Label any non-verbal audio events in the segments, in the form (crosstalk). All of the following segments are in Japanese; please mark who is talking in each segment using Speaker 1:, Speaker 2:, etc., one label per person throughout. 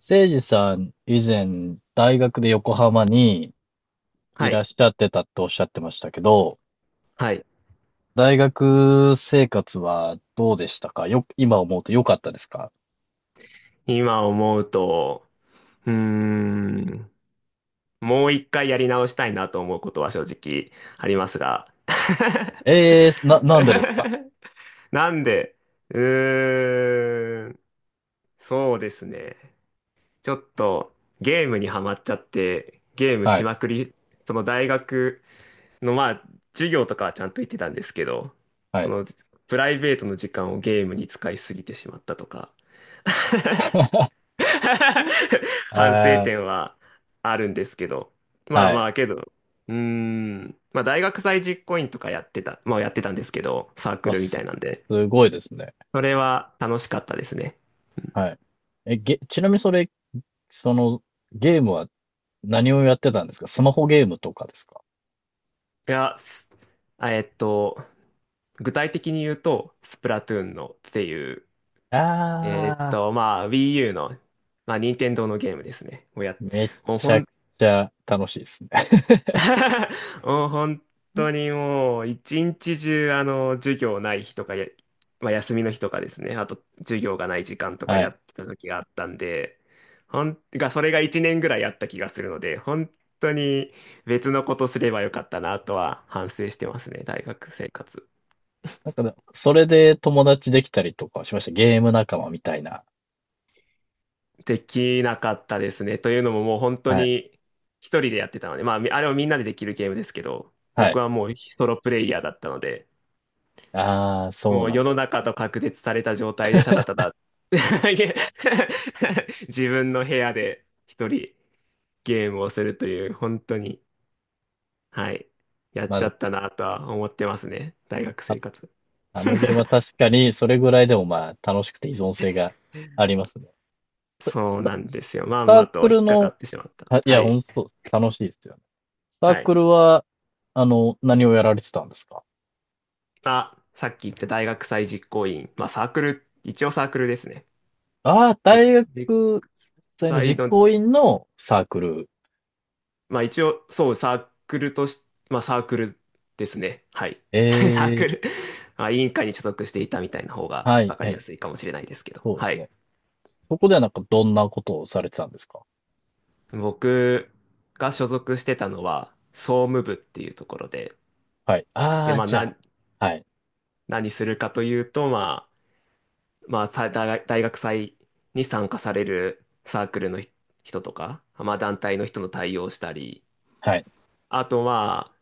Speaker 1: せいじさん、以前、大学で横浜にい
Speaker 2: は
Speaker 1: らっ
Speaker 2: い。
Speaker 1: しゃってたっておっしゃってましたけど、
Speaker 2: はい。
Speaker 1: 大学生活はどうでしたか、今思うと良かったですか？
Speaker 2: 今思うと、うーん、もう一回やり直したいなと思うことは正直ありますが。
Speaker 1: ええー、なんでですか？
Speaker 2: (laughs) なんで、うーん、そうですね。ちょっとゲームにはまっちゃって、ゲーム
Speaker 1: は
Speaker 2: し
Speaker 1: い、
Speaker 2: まくり、その大学の授業とかはちゃんと行ってたんですけど、
Speaker 1: は
Speaker 2: こ
Speaker 1: い。
Speaker 2: のプライベートの時間をゲームに使いすぎてしまったとか。(laughs)
Speaker 1: (laughs)
Speaker 2: (laughs) 反省
Speaker 1: えー、
Speaker 2: 点はあるんですけど。まあ
Speaker 1: はい。
Speaker 2: まあけど、うーん。まあ大学祭実行委員とかやってたんですけど、サーク
Speaker 1: あ、
Speaker 2: ルみた
Speaker 1: す、
Speaker 2: いなんで。
Speaker 1: すごいですね。
Speaker 2: それは楽しかったですね。
Speaker 1: はい。ちなみにそれ、その、ゲームは何をやってたんですか？スマホゲームとかですか？
Speaker 2: いや、すあえっと、具体的に言うと、スプラトゥーンのっていう、
Speaker 1: ああ
Speaker 2: Wii U の、任天堂のゲームですね。をやっ、
Speaker 1: ー、め
Speaker 2: もう
Speaker 1: ちゃく
Speaker 2: 本
Speaker 1: ちゃ楽しいですね。
Speaker 2: (laughs) もう本当
Speaker 1: (laughs)
Speaker 2: にもう一日中あの授業ない日とかや、まあ、休みの日とかですねあと授業がない時間とか
Speaker 1: は
Speaker 2: や
Speaker 1: い。
Speaker 2: ってた時があったんでほんがそれが1年ぐらいあった気がするので本当に別のことすればよかったなとは反省してますね。大学生活
Speaker 1: なんかねそれで友達できたりとかしました。ゲーム仲間みたいな。
Speaker 2: できなかったですねというのももう本当
Speaker 1: はい。
Speaker 2: に一人でやってたのでまあみあれはみんなでできるゲームですけど
Speaker 1: は
Speaker 2: 僕
Speaker 1: い。
Speaker 2: はもうソロプレイヤーだったので
Speaker 1: ああ、そ
Speaker 2: も
Speaker 1: う
Speaker 2: う
Speaker 1: なん。
Speaker 2: 世の中と隔絶された状態でただた
Speaker 1: (laughs)
Speaker 2: だ (laughs) いえ (laughs) 自分の部屋で一人ゲームをするという本当に、はい、やっ
Speaker 1: まあ
Speaker 2: ち
Speaker 1: で
Speaker 2: ゃ
Speaker 1: も、
Speaker 2: ったなとは思ってますね。大学
Speaker 1: あ
Speaker 2: 生
Speaker 1: の、
Speaker 2: 活。
Speaker 1: あのゲームは確かにそれぐらいでもまあ楽しくて依存性がありますね。
Speaker 2: そうなんですよ。まん
Speaker 1: サ
Speaker 2: ま
Speaker 1: ーク
Speaker 2: と引
Speaker 1: ル
Speaker 2: っかか
Speaker 1: の、
Speaker 2: ってしまった。
Speaker 1: あい
Speaker 2: は
Speaker 1: や、ほん
Speaker 2: い。
Speaker 1: とそうです。楽しいですよね。サー
Speaker 2: は
Speaker 1: ク
Speaker 2: い。
Speaker 1: ルは、あの、何をやられてたんですか？
Speaker 2: あ、さっき言った大学祭実行委員。まあサークル、一応サークルですね。
Speaker 1: ああー、大
Speaker 2: 実
Speaker 1: 学生の
Speaker 2: 際
Speaker 1: 実
Speaker 2: の
Speaker 1: 行委員のサークル。
Speaker 2: まあ一応、そう、サークルとし、まあサークルですね。はい。
Speaker 1: え
Speaker 2: (laughs) サーク
Speaker 1: え、
Speaker 2: ルまあ、委員会に所属していたみたいな方が
Speaker 1: はい、
Speaker 2: 分か
Speaker 1: は
Speaker 2: りや
Speaker 1: い。
Speaker 2: すいかもしれないですけど。
Speaker 1: そうで
Speaker 2: は
Speaker 1: す
Speaker 2: い。
Speaker 1: ね。そこではなんかどんなことをされてたんですか？
Speaker 2: 僕が所属してたのは、総務部っていうところで、
Speaker 1: はい。あ
Speaker 2: で、
Speaker 1: あ、
Speaker 2: まあ、
Speaker 1: じゃ
Speaker 2: な、
Speaker 1: あ。はい。
Speaker 2: 何するかというと、まあ、まあ、さ大大学祭に参加されるサークルの人とか、まあ、団体の人の対応をしたり、
Speaker 1: はい。
Speaker 2: あと、まあ、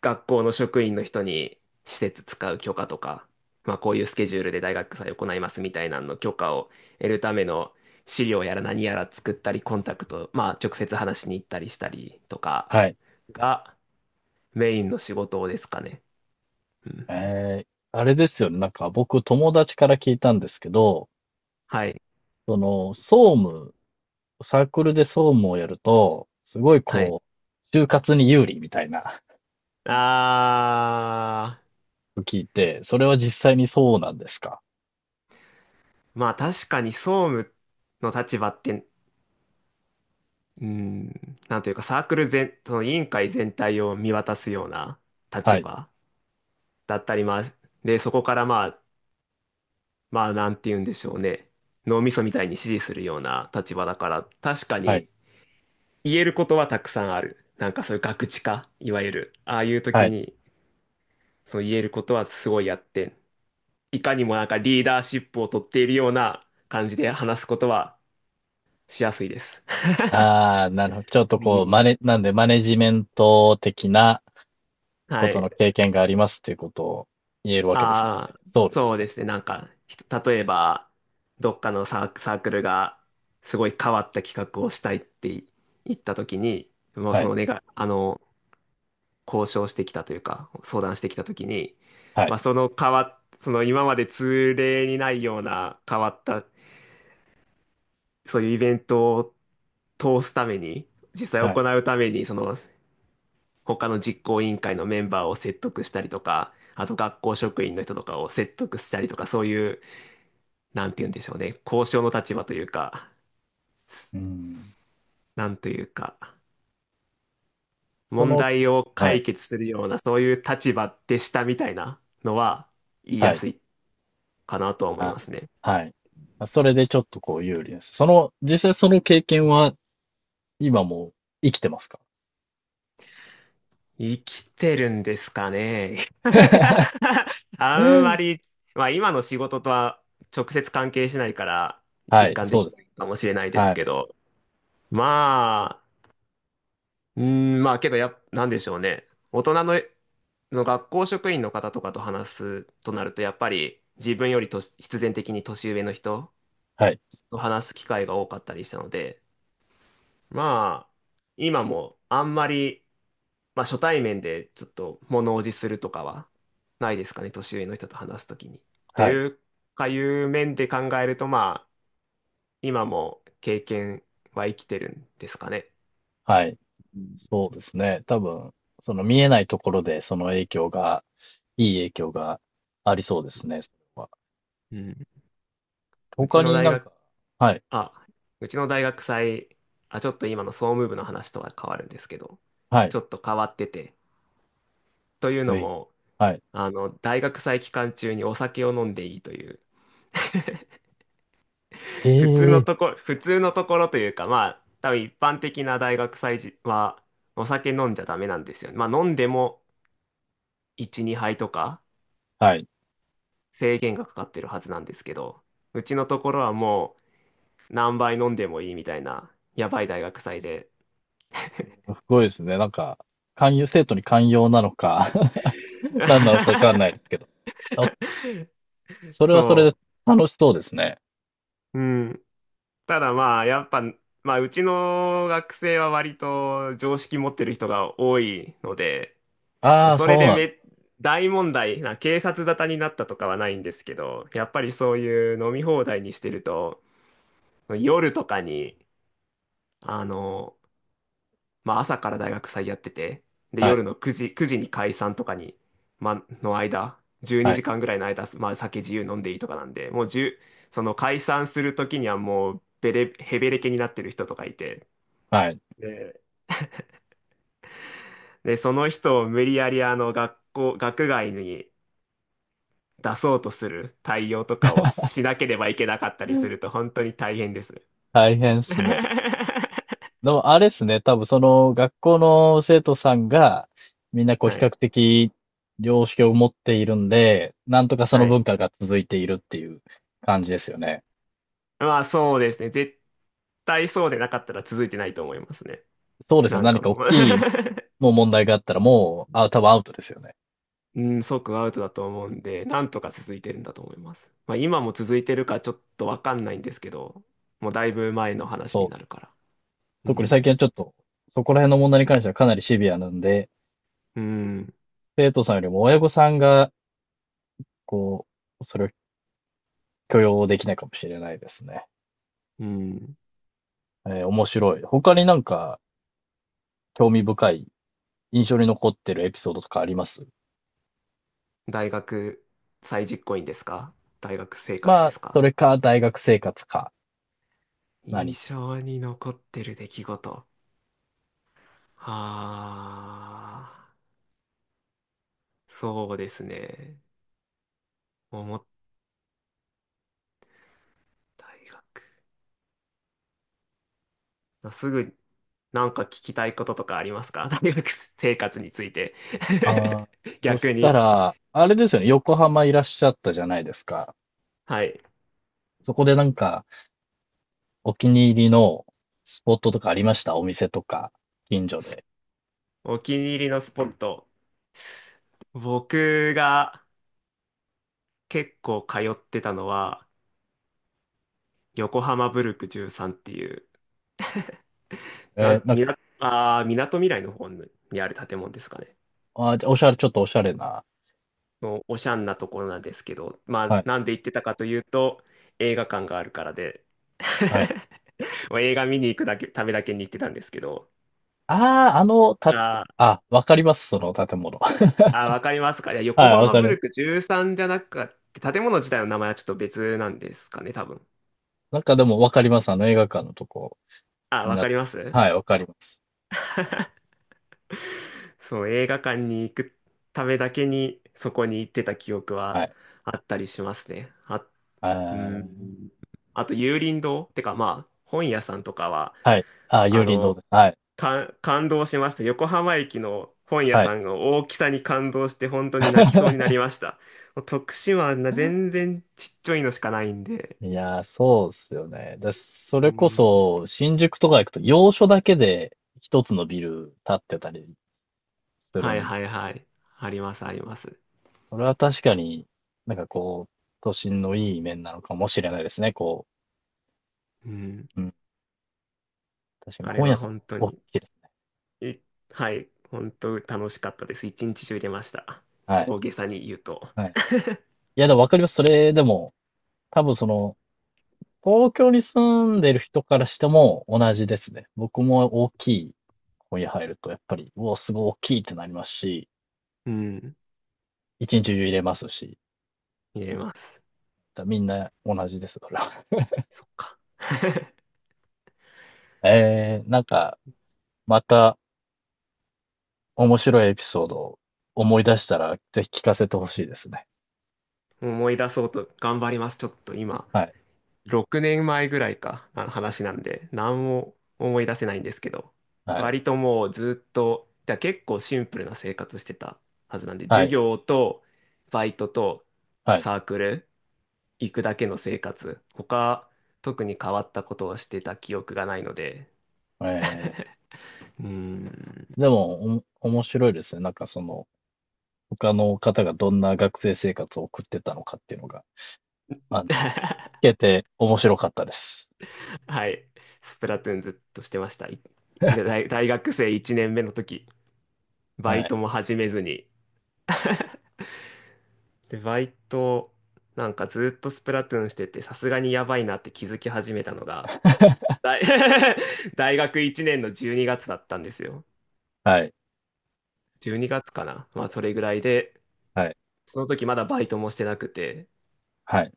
Speaker 2: 学校の職員の人に施設使う許可とか、まあこういうスケジュールで大学祭行いますみたいなのの許可を得るための資料やら何やら作ったり、コンタクト、まあ直接話しに行ったりしたりとか
Speaker 1: はい。
Speaker 2: がメインの仕事ですかね。うんうん
Speaker 1: えー、あれですよね。なんか僕友達から聞いたんですけど、
Speaker 2: はい。
Speaker 1: その、総務、サークルで総務をやると、すごい
Speaker 2: はい。
Speaker 1: こう、就活に有利みたいな。 (laughs)
Speaker 2: あ
Speaker 1: 聞いて、それは実際にそうなんですか？
Speaker 2: ー、まあ確かに総務の立場って、うん、なんというかサークル全、その委員会全体を見渡すような
Speaker 1: は
Speaker 2: 立
Speaker 1: い。
Speaker 2: 場。だったり、まあ、で、そこからまあ、まあ、なんて言うんでしょうね。脳みそみたいに支持するような立場だから、確か
Speaker 1: はい。
Speaker 2: に言えることはたくさんある。なんかそういうガクチカ、いわゆる。ああいう
Speaker 1: は
Speaker 2: 時
Speaker 1: い。
Speaker 2: に、そう言えることはすごいやって、いかにもなんかリーダーシップを取っているような感じで話すことはしやすいです。
Speaker 1: ああ、なるほど。ちょっ
Speaker 2: (laughs)
Speaker 1: と
Speaker 2: う
Speaker 1: こう、
Speaker 2: ん。
Speaker 1: なんでマネジメント的なこ
Speaker 2: は
Speaker 1: と
Speaker 2: い。
Speaker 1: の経験がありますっていうことを言えるわけですもんね。
Speaker 2: ああ、
Speaker 1: そうです。
Speaker 2: そうですね。なんか、ひと例えば、どっかのサーク、サークルが、すごい変わった企画をしたいってい言ったときに、もう
Speaker 1: は
Speaker 2: そ
Speaker 1: い。
Speaker 2: の願い、あの、交渉してきたというか、相談してきたときに、
Speaker 1: はい。
Speaker 2: まあ、その変わっ、その今まで通例にないような変わった、そういうイベントを通すために、実際
Speaker 1: はい。
Speaker 2: 行うために、その他の実行委員会のメンバーを説得したりとか、あと学校職員の人とかを説得したりとか、そういうなんて言うんでしょうね、交渉の立場というか、
Speaker 1: うん。
Speaker 2: なんというか、
Speaker 1: そ
Speaker 2: 問
Speaker 1: の、
Speaker 2: 題を
Speaker 1: は
Speaker 2: 解
Speaker 1: い。
Speaker 2: 決するような、そういう立場でしたみたいなのは言い
Speaker 1: は
Speaker 2: や
Speaker 1: い。
Speaker 2: すいかなとは思いま
Speaker 1: あ
Speaker 2: すね。
Speaker 1: ー、はい。まそれでちょっとこう有利です。その、実際その経験は今も生きてますか？
Speaker 2: 生きてるんですかね。(laughs) なんか
Speaker 1: (laughs)
Speaker 2: あんまり、まあ今の仕事とは直接関係しないから
Speaker 1: は
Speaker 2: 実
Speaker 1: い、
Speaker 2: 感で
Speaker 1: そうで
Speaker 2: き
Speaker 1: す。
Speaker 2: ないかもしれないで
Speaker 1: は
Speaker 2: す
Speaker 1: い、
Speaker 2: けど、まあ、まあけどや、なんでしょうね。大人の、の学校職員の方とかと話すとなると、やっぱり自分よりとし必然的に年上の人
Speaker 1: はい、
Speaker 2: と話す機会が多かったりしたので、まあ、今もあんまり、まあ初対面でちょっと物おじするとかはないですかね、年上の人と話すときに。と
Speaker 1: はい、
Speaker 2: いうかいう面で考えると、まあ、今も経験は生きてるんですかね。
Speaker 1: はい。
Speaker 2: うん
Speaker 1: そうですね。多分、その見えないところでその影響が、いい影響がありそうですね、それは。
Speaker 2: うん。うち
Speaker 1: 他
Speaker 2: の
Speaker 1: に
Speaker 2: 大
Speaker 1: なん
Speaker 2: 学
Speaker 1: か、はい、
Speaker 2: あ、うちの大学祭、あ、ちょっと今の総務部の話とは変わるんですけど、
Speaker 1: はい、
Speaker 2: ちょっと変わってて、という
Speaker 1: は
Speaker 2: の
Speaker 1: い、
Speaker 2: も、
Speaker 1: はい。
Speaker 2: あの、大学祭期間中にお酒を飲んでいいという、(laughs)
Speaker 1: へ
Speaker 2: 普通の
Speaker 1: え。
Speaker 2: とこ、普通のところというか、まあ、多分一般的な大学祭時は、お酒飲んじゃダメなんですよね。まあ、飲んでも1、2杯とか
Speaker 1: はい。
Speaker 2: 制限がかかってるはずなんですけど、うちのところはもう何杯飲んでもいいみたいな、やばい大学祭で。
Speaker 1: すごいですね。なんか、寛容、生徒に寛容なのか、 (laughs) 何なのかわか
Speaker 2: (laughs)
Speaker 1: んないですけど。あ、それはそれ
Speaker 2: そ
Speaker 1: で楽しそうですね。
Speaker 2: う。うん。ただまあ、やっぱ、まあ、うちの学生は割と常識持ってる人が多いので、
Speaker 1: ああ、
Speaker 2: それ
Speaker 1: そう
Speaker 2: で
Speaker 1: なんです。
Speaker 2: め、大問題な、警察沙汰になったとかはないんですけど、やっぱりそういう飲み放題にしてると、夜とかに、あの、まあ、朝から大学祭やってて、で、
Speaker 1: は
Speaker 2: 夜
Speaker 1: い、
Speaker 2: の9時、9時に解散とかに、まあ、の間、12
Speaker 1: は
Speaker 2: 時
Speaker 1: い、
Speaker 2: 間ぐらいの間、まあ、酒自由飲んでいいとかなんで、もう1その解散する時にはもう、べれ、へべれけになってる人とかいて、
Speaker 1: はい。
Speaker 2: で、で、その人を無理やりあの学校、学外に出そうとする対応とかをしなければいけなかったりすると本当に大変です。
Speaker 1: 大変っ
Speaker 2: (laughs)
Speaker 1: すね。でも、あれっすね。多分、その、学校の生徒さんが、みんなこう、比
Speaker 2: は
Speaker 1: 較
Speaker 2: い。
Speaker 1: 的、良識を持っているんで、なんとかその
Speaker 2: はい。
Speaker 1: 文化が続いているっていう感じですよね。
Speaker 2: まあそうですね。絶対そうでなかったら続いてないと思いますね。
Speaker 1: そうですよ
Speaker 2: な
Speaker 1: ね。
Speaker 2: ん
Speaker 1: 何
Speaker 2: か
Speaker 1: か大
Speaker 2: もう
Speaker 1: きいもう問題があったら、もう、あ、多分アウトですよね。
Speaker 2: (laughs) うん、即アウトだと思うんで、なんとか続いてるんだと思います。まあ今も続いてるかちょっとわかんないんですけど、もうだいぶ前の話
Speaker 1: そ
Speaker 2: に
Speaker 1: う、
Speaker 2: なるから。う
Speaker 1: 特に
Speaker 2: ん。
Speaker 1: 最近はちょっと、そこら辺の問題に関してはかなりシビアなんで、
Speaker 2: うん。
Speaker 1: 生徒さんよりも親御さんが、こう、それを許容できないかもしれないですね。
Speaker 2: うん。
Speaker 1: えー、面白い。他になんか興味深い、印象に残ってるエピソードとかあります？
Speaker 2: 大学再実行員ですか？大学生活
Speaker 1: ま
Speaker 2: で
Speaker 1: あ、
Speaker 2: す
Speaker 1: そ
Speaker 2: か？
Speaker 1: れか大学生活か、何
Speaker 2: 印
Speaker 1: か、
Speaker 2: 象に残ってる出来事。ああ、そうですね。思った大学。あすぐ、なんか聞きたいこととかありますか？ (laughs) 大学生活について。
Speaker 1: ああ、
Speaker 2: (laughs)
Speaker 1: そし
Speaker 2: 逆
Speaker 1: た
Speaker 2: に。
Speaker 1: ら、あれですよね、横浜いらっしゃったじゃないですか。
Speaker 2: はい。
Speaker 1: そこでなんか、お気に入りのスポットとかありました？お店とか、近所で。
Speaker 2: お気に入りのスポット。僕が結構通ってたのは、横浜ブルク13っていう
Speaker 1: え
Speaker 2: が、
Speaker 1: ーなん
Speaker 2: み
Speaker 1: か、
Speaker 2: な、あー、みなとみらいの方にある建物ですかね。
Speaker 1: あー、じゃあおしゃれ、ちょっとおしゃれな。
Speaker 2: のおしゃんなところなんですけど、ま
Speaker 1: は
Speaker 2: あ、
Speaker 1: い、
Speaker 2: なんで行ってたかというと、映画館があるからで、
Speaker 1: はい。
Speaker 2: (laughs) もう映画見に行くだけ、ためだけに行ってたんですけど、
Speaker 1: ああ、あの、
Speaker 2: あ
Speaker 1: た、
Speaker 2: ー
Speaker 1: あ、わかります、その建物。(laughs) は
Speaker 2: あー、わかりますか。いや、
Speaker 1: い、
Speaker 2: 横
Speaker 1: わ
Speaker 2: 浜
Speaker 1: か
Speaker 2: ブ
Speaker 1: る。
Speaker 2: ルク13じゃなくて、建物自体の名前はちょっと別なんですかね、多分。
Speaker 1: なんかでもわかります、あの映画館のとこ、
Speaker 2: あー、わかり
Speaker 1: 港。
Speaker 2: ます。
Speaker 1: はい、わかります。
Speaker 2: (laughs) そう、映画館に行くためだけに、そこに行ってた記憶
Speaker 1: は
Speaker 2: は
Speaker 1: い。
Speaker 2: あったりしますね。あ
Speaker 1: あ
Speaker 2: う
Speaker 1: ー、
Speaker 2: ん。あと、有林堂ってか、まあ、本屋さんとかは、
Speaker 1: はい。あー、
Speaker 2: あ
Speaker 1: 有林堂で
Speaker 2: の、
Speaker 1: す。はい、
Speaker 2: か、感動しました。横浜駅の本屋
Speaker 1: はい。
Speaker 2: さんの大きさに感動して、本当に泣きそうにな
Speaker 1: (laughs)
Speaker 2: りました。もう徳島はな全然ちっちゃいのしかないんで。
Speaker 1: いやー、そうっすよね。で、そ
Speaker 2: う
Speaker 1: れこ
Speaker 2: ん。
Speaker 1: そ、新宿とか行くと、要所だけで一つのビル建ってたりする
Speaker 2: はい
Speaker 1: んで、
Speaker 2: はいはい。あります、あります。
Speaker 1: それは確かに、なんかこう、都心のいい面なのかもしれないですね、こ
Speaker 2: うん。
Speaker 1: う。うん。確かに
Speaker 2: あれ
Speaker 1: 本屋
Speaker 2: は
Speaker 1: さん、
Speaker 2: 本当
Speaker 1: 大き
Speaker 2: に、
Speaker 1: いですね。
Speaker 2: い、はい、本当楽しかったです。一日中入れました。
Speaker 1: はい。
Speaker 2: 大げさに言うと。
Speaker 1: はい。いや、でもわかります。それでも、多分その、東京に住んでる人からしても同じですね。僕も大きい本屋入ると、やっぱり、うお、すごい大きいってなりますし、
Speaker 2: うん。
Speaker 1: 一日中入れますし、
Speaker 2: 入れます。
Speaker 1: だみんな同じです、それは。
Speaker 2: そっか。(laughs)
Speaker 1: (laughs) えー、なんか、また面白いエピソードを思い出したら、ぜひ聞かせてほしいですね。
Speaker 2: 思い出そうと頑張ります。ちょっと今、
Speaker 1: はい。
Speaker 2: 6年前ぐらいか、あの話なんで、何も思い出せないんですけど、
Speaker 1: はい。
Speaker 2: 割ともうずっと、だから結構シンプルな生活してたはずなんで、
Speaker 1: は
Speaker 2: 授
Speaker 1: い。
Speaker 2: 業とバイトと
Speaker 1: はい。
Speaker 2: サークル行くだけの生活、他特に変わったことをしてた記憶がないので、
Speaker 1: え
Speaker 2: うーん、
Speaker 1: ー、でも、おも面白いですね。なんかその、他の方がどんな学生生活を送ってたのかっていうのが。あの、聞
Speaker 2: (laughs)
Speaker 1: けて面白かったです。
Speaker 2: はい、スプラトゥーンずっとしてました。い大、大学生1年目の時、バ
Speaker 1: は
Speaker 2: イ
Speaker 1: い。
Speaker 2: トも始めずに、で、バイト、なんかずっとスプラトゥーンしてて、さすがにやばいなって気づき始めたのが、
Speaker 1: (laughs)
Speaker 2: 大 (laughs)、大学1年の12月だったんですよ。
Speaker 1: はい。
Speaker 2: 12月かな。まあ、それぐらいで、
Speaker 1: はい。
Speaker 2: その時まだバイトもしてなくて、
Speaker 1: はい。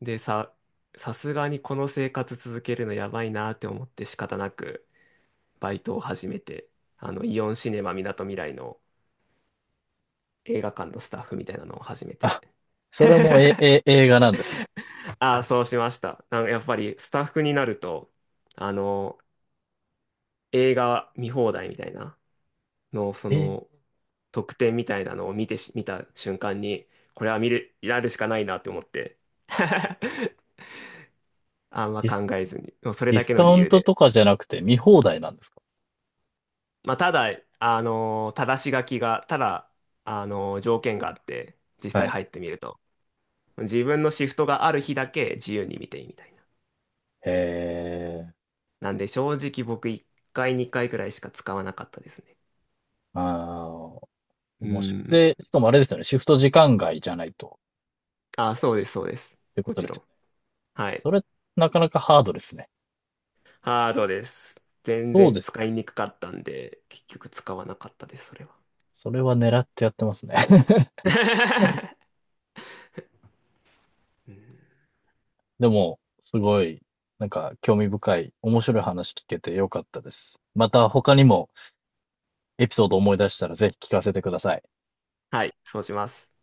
Speaker 2: で、さ、さすがにこの生活続けるのやばいなって思って仕方なく、バイトを始めて、イオンシネマみなとみらいの映画館のスタッフみたいなのを始めて、
Speaker 1: あ、それも映画なんですね。
Speaker 2: ああ、そうしました。なんかやっぱりスタッフになると、あの、映画見放題みたいなの、そ
Speaker 1: えー
Speaker 2: の、特典みたいなのを見てし、見た瞬間に、これは見る、やるしかないなって思って。(laughs) あんま
Speaker 1: ディス、
Speaker 2: 考えずに。もうそれ
Speaker 1: ディ
Speaker 2: だ
Speaker 1: ス
Speaker 2: け
Speaker 1: カ
Speaker 2: の理
Speaker 1: ウン
Speaker 2: 由
Speaker 1: ト
Speaker 2: で。
Speaker 1: とかじゃなくて見放題なんですか？
Speaker 2: まあ、ただ、正し書きが、ただ、条件があって、実
Speaker 1: は
Speaker 2: 際
Speaker 1: い。
Speaker 2: 入ってみると。自分のシフトがある日だけ自由に見ていいみたいな。
Speaker 1: へえ、
Speaker 2: なんで正直僕1回2回くらいしか使わなかったですね。
Speaker 1: ああ、
Speaker 2: う
Speaker 1: 面白い。
Speaker 2: ん。
Speaker 1: で、しかもあれですよね。シフト時間外じゃないと、
Speaker 2: あ、そうです、そうです。
Speaker 1: ってこ
Speaker 2: も
Speaker 1: と
Speaker 2: ち
Speaker 1: です
Speaker 2: ろ
Speaker 1: よ
Speaker 2: ん。
Speaker 1: ね。
Speaker 2: はい。
Speaker 1: それ、なかなかハードですね。
Speaker 2: ハードです。全
Speaker 1: そう
Speaker 2: 然
Speaker 1: です
Speaker 2: 使
Speaker 1: よ
Speaker 2: い
Speaker 1: ね。
Speaker 2: にくかったんで、結局使わなかったです、それは。
Speaker 1: それは狙ってやってますね。(laughs)
Speaker 2: (laughs) うん。
Speaker 1: でも、すごい、なんか興味深い、面白い話聞けてよかったです。また他にも、エピソードを思い出したらぜひ聞かせてください。
Speaker 2: はい、そうします。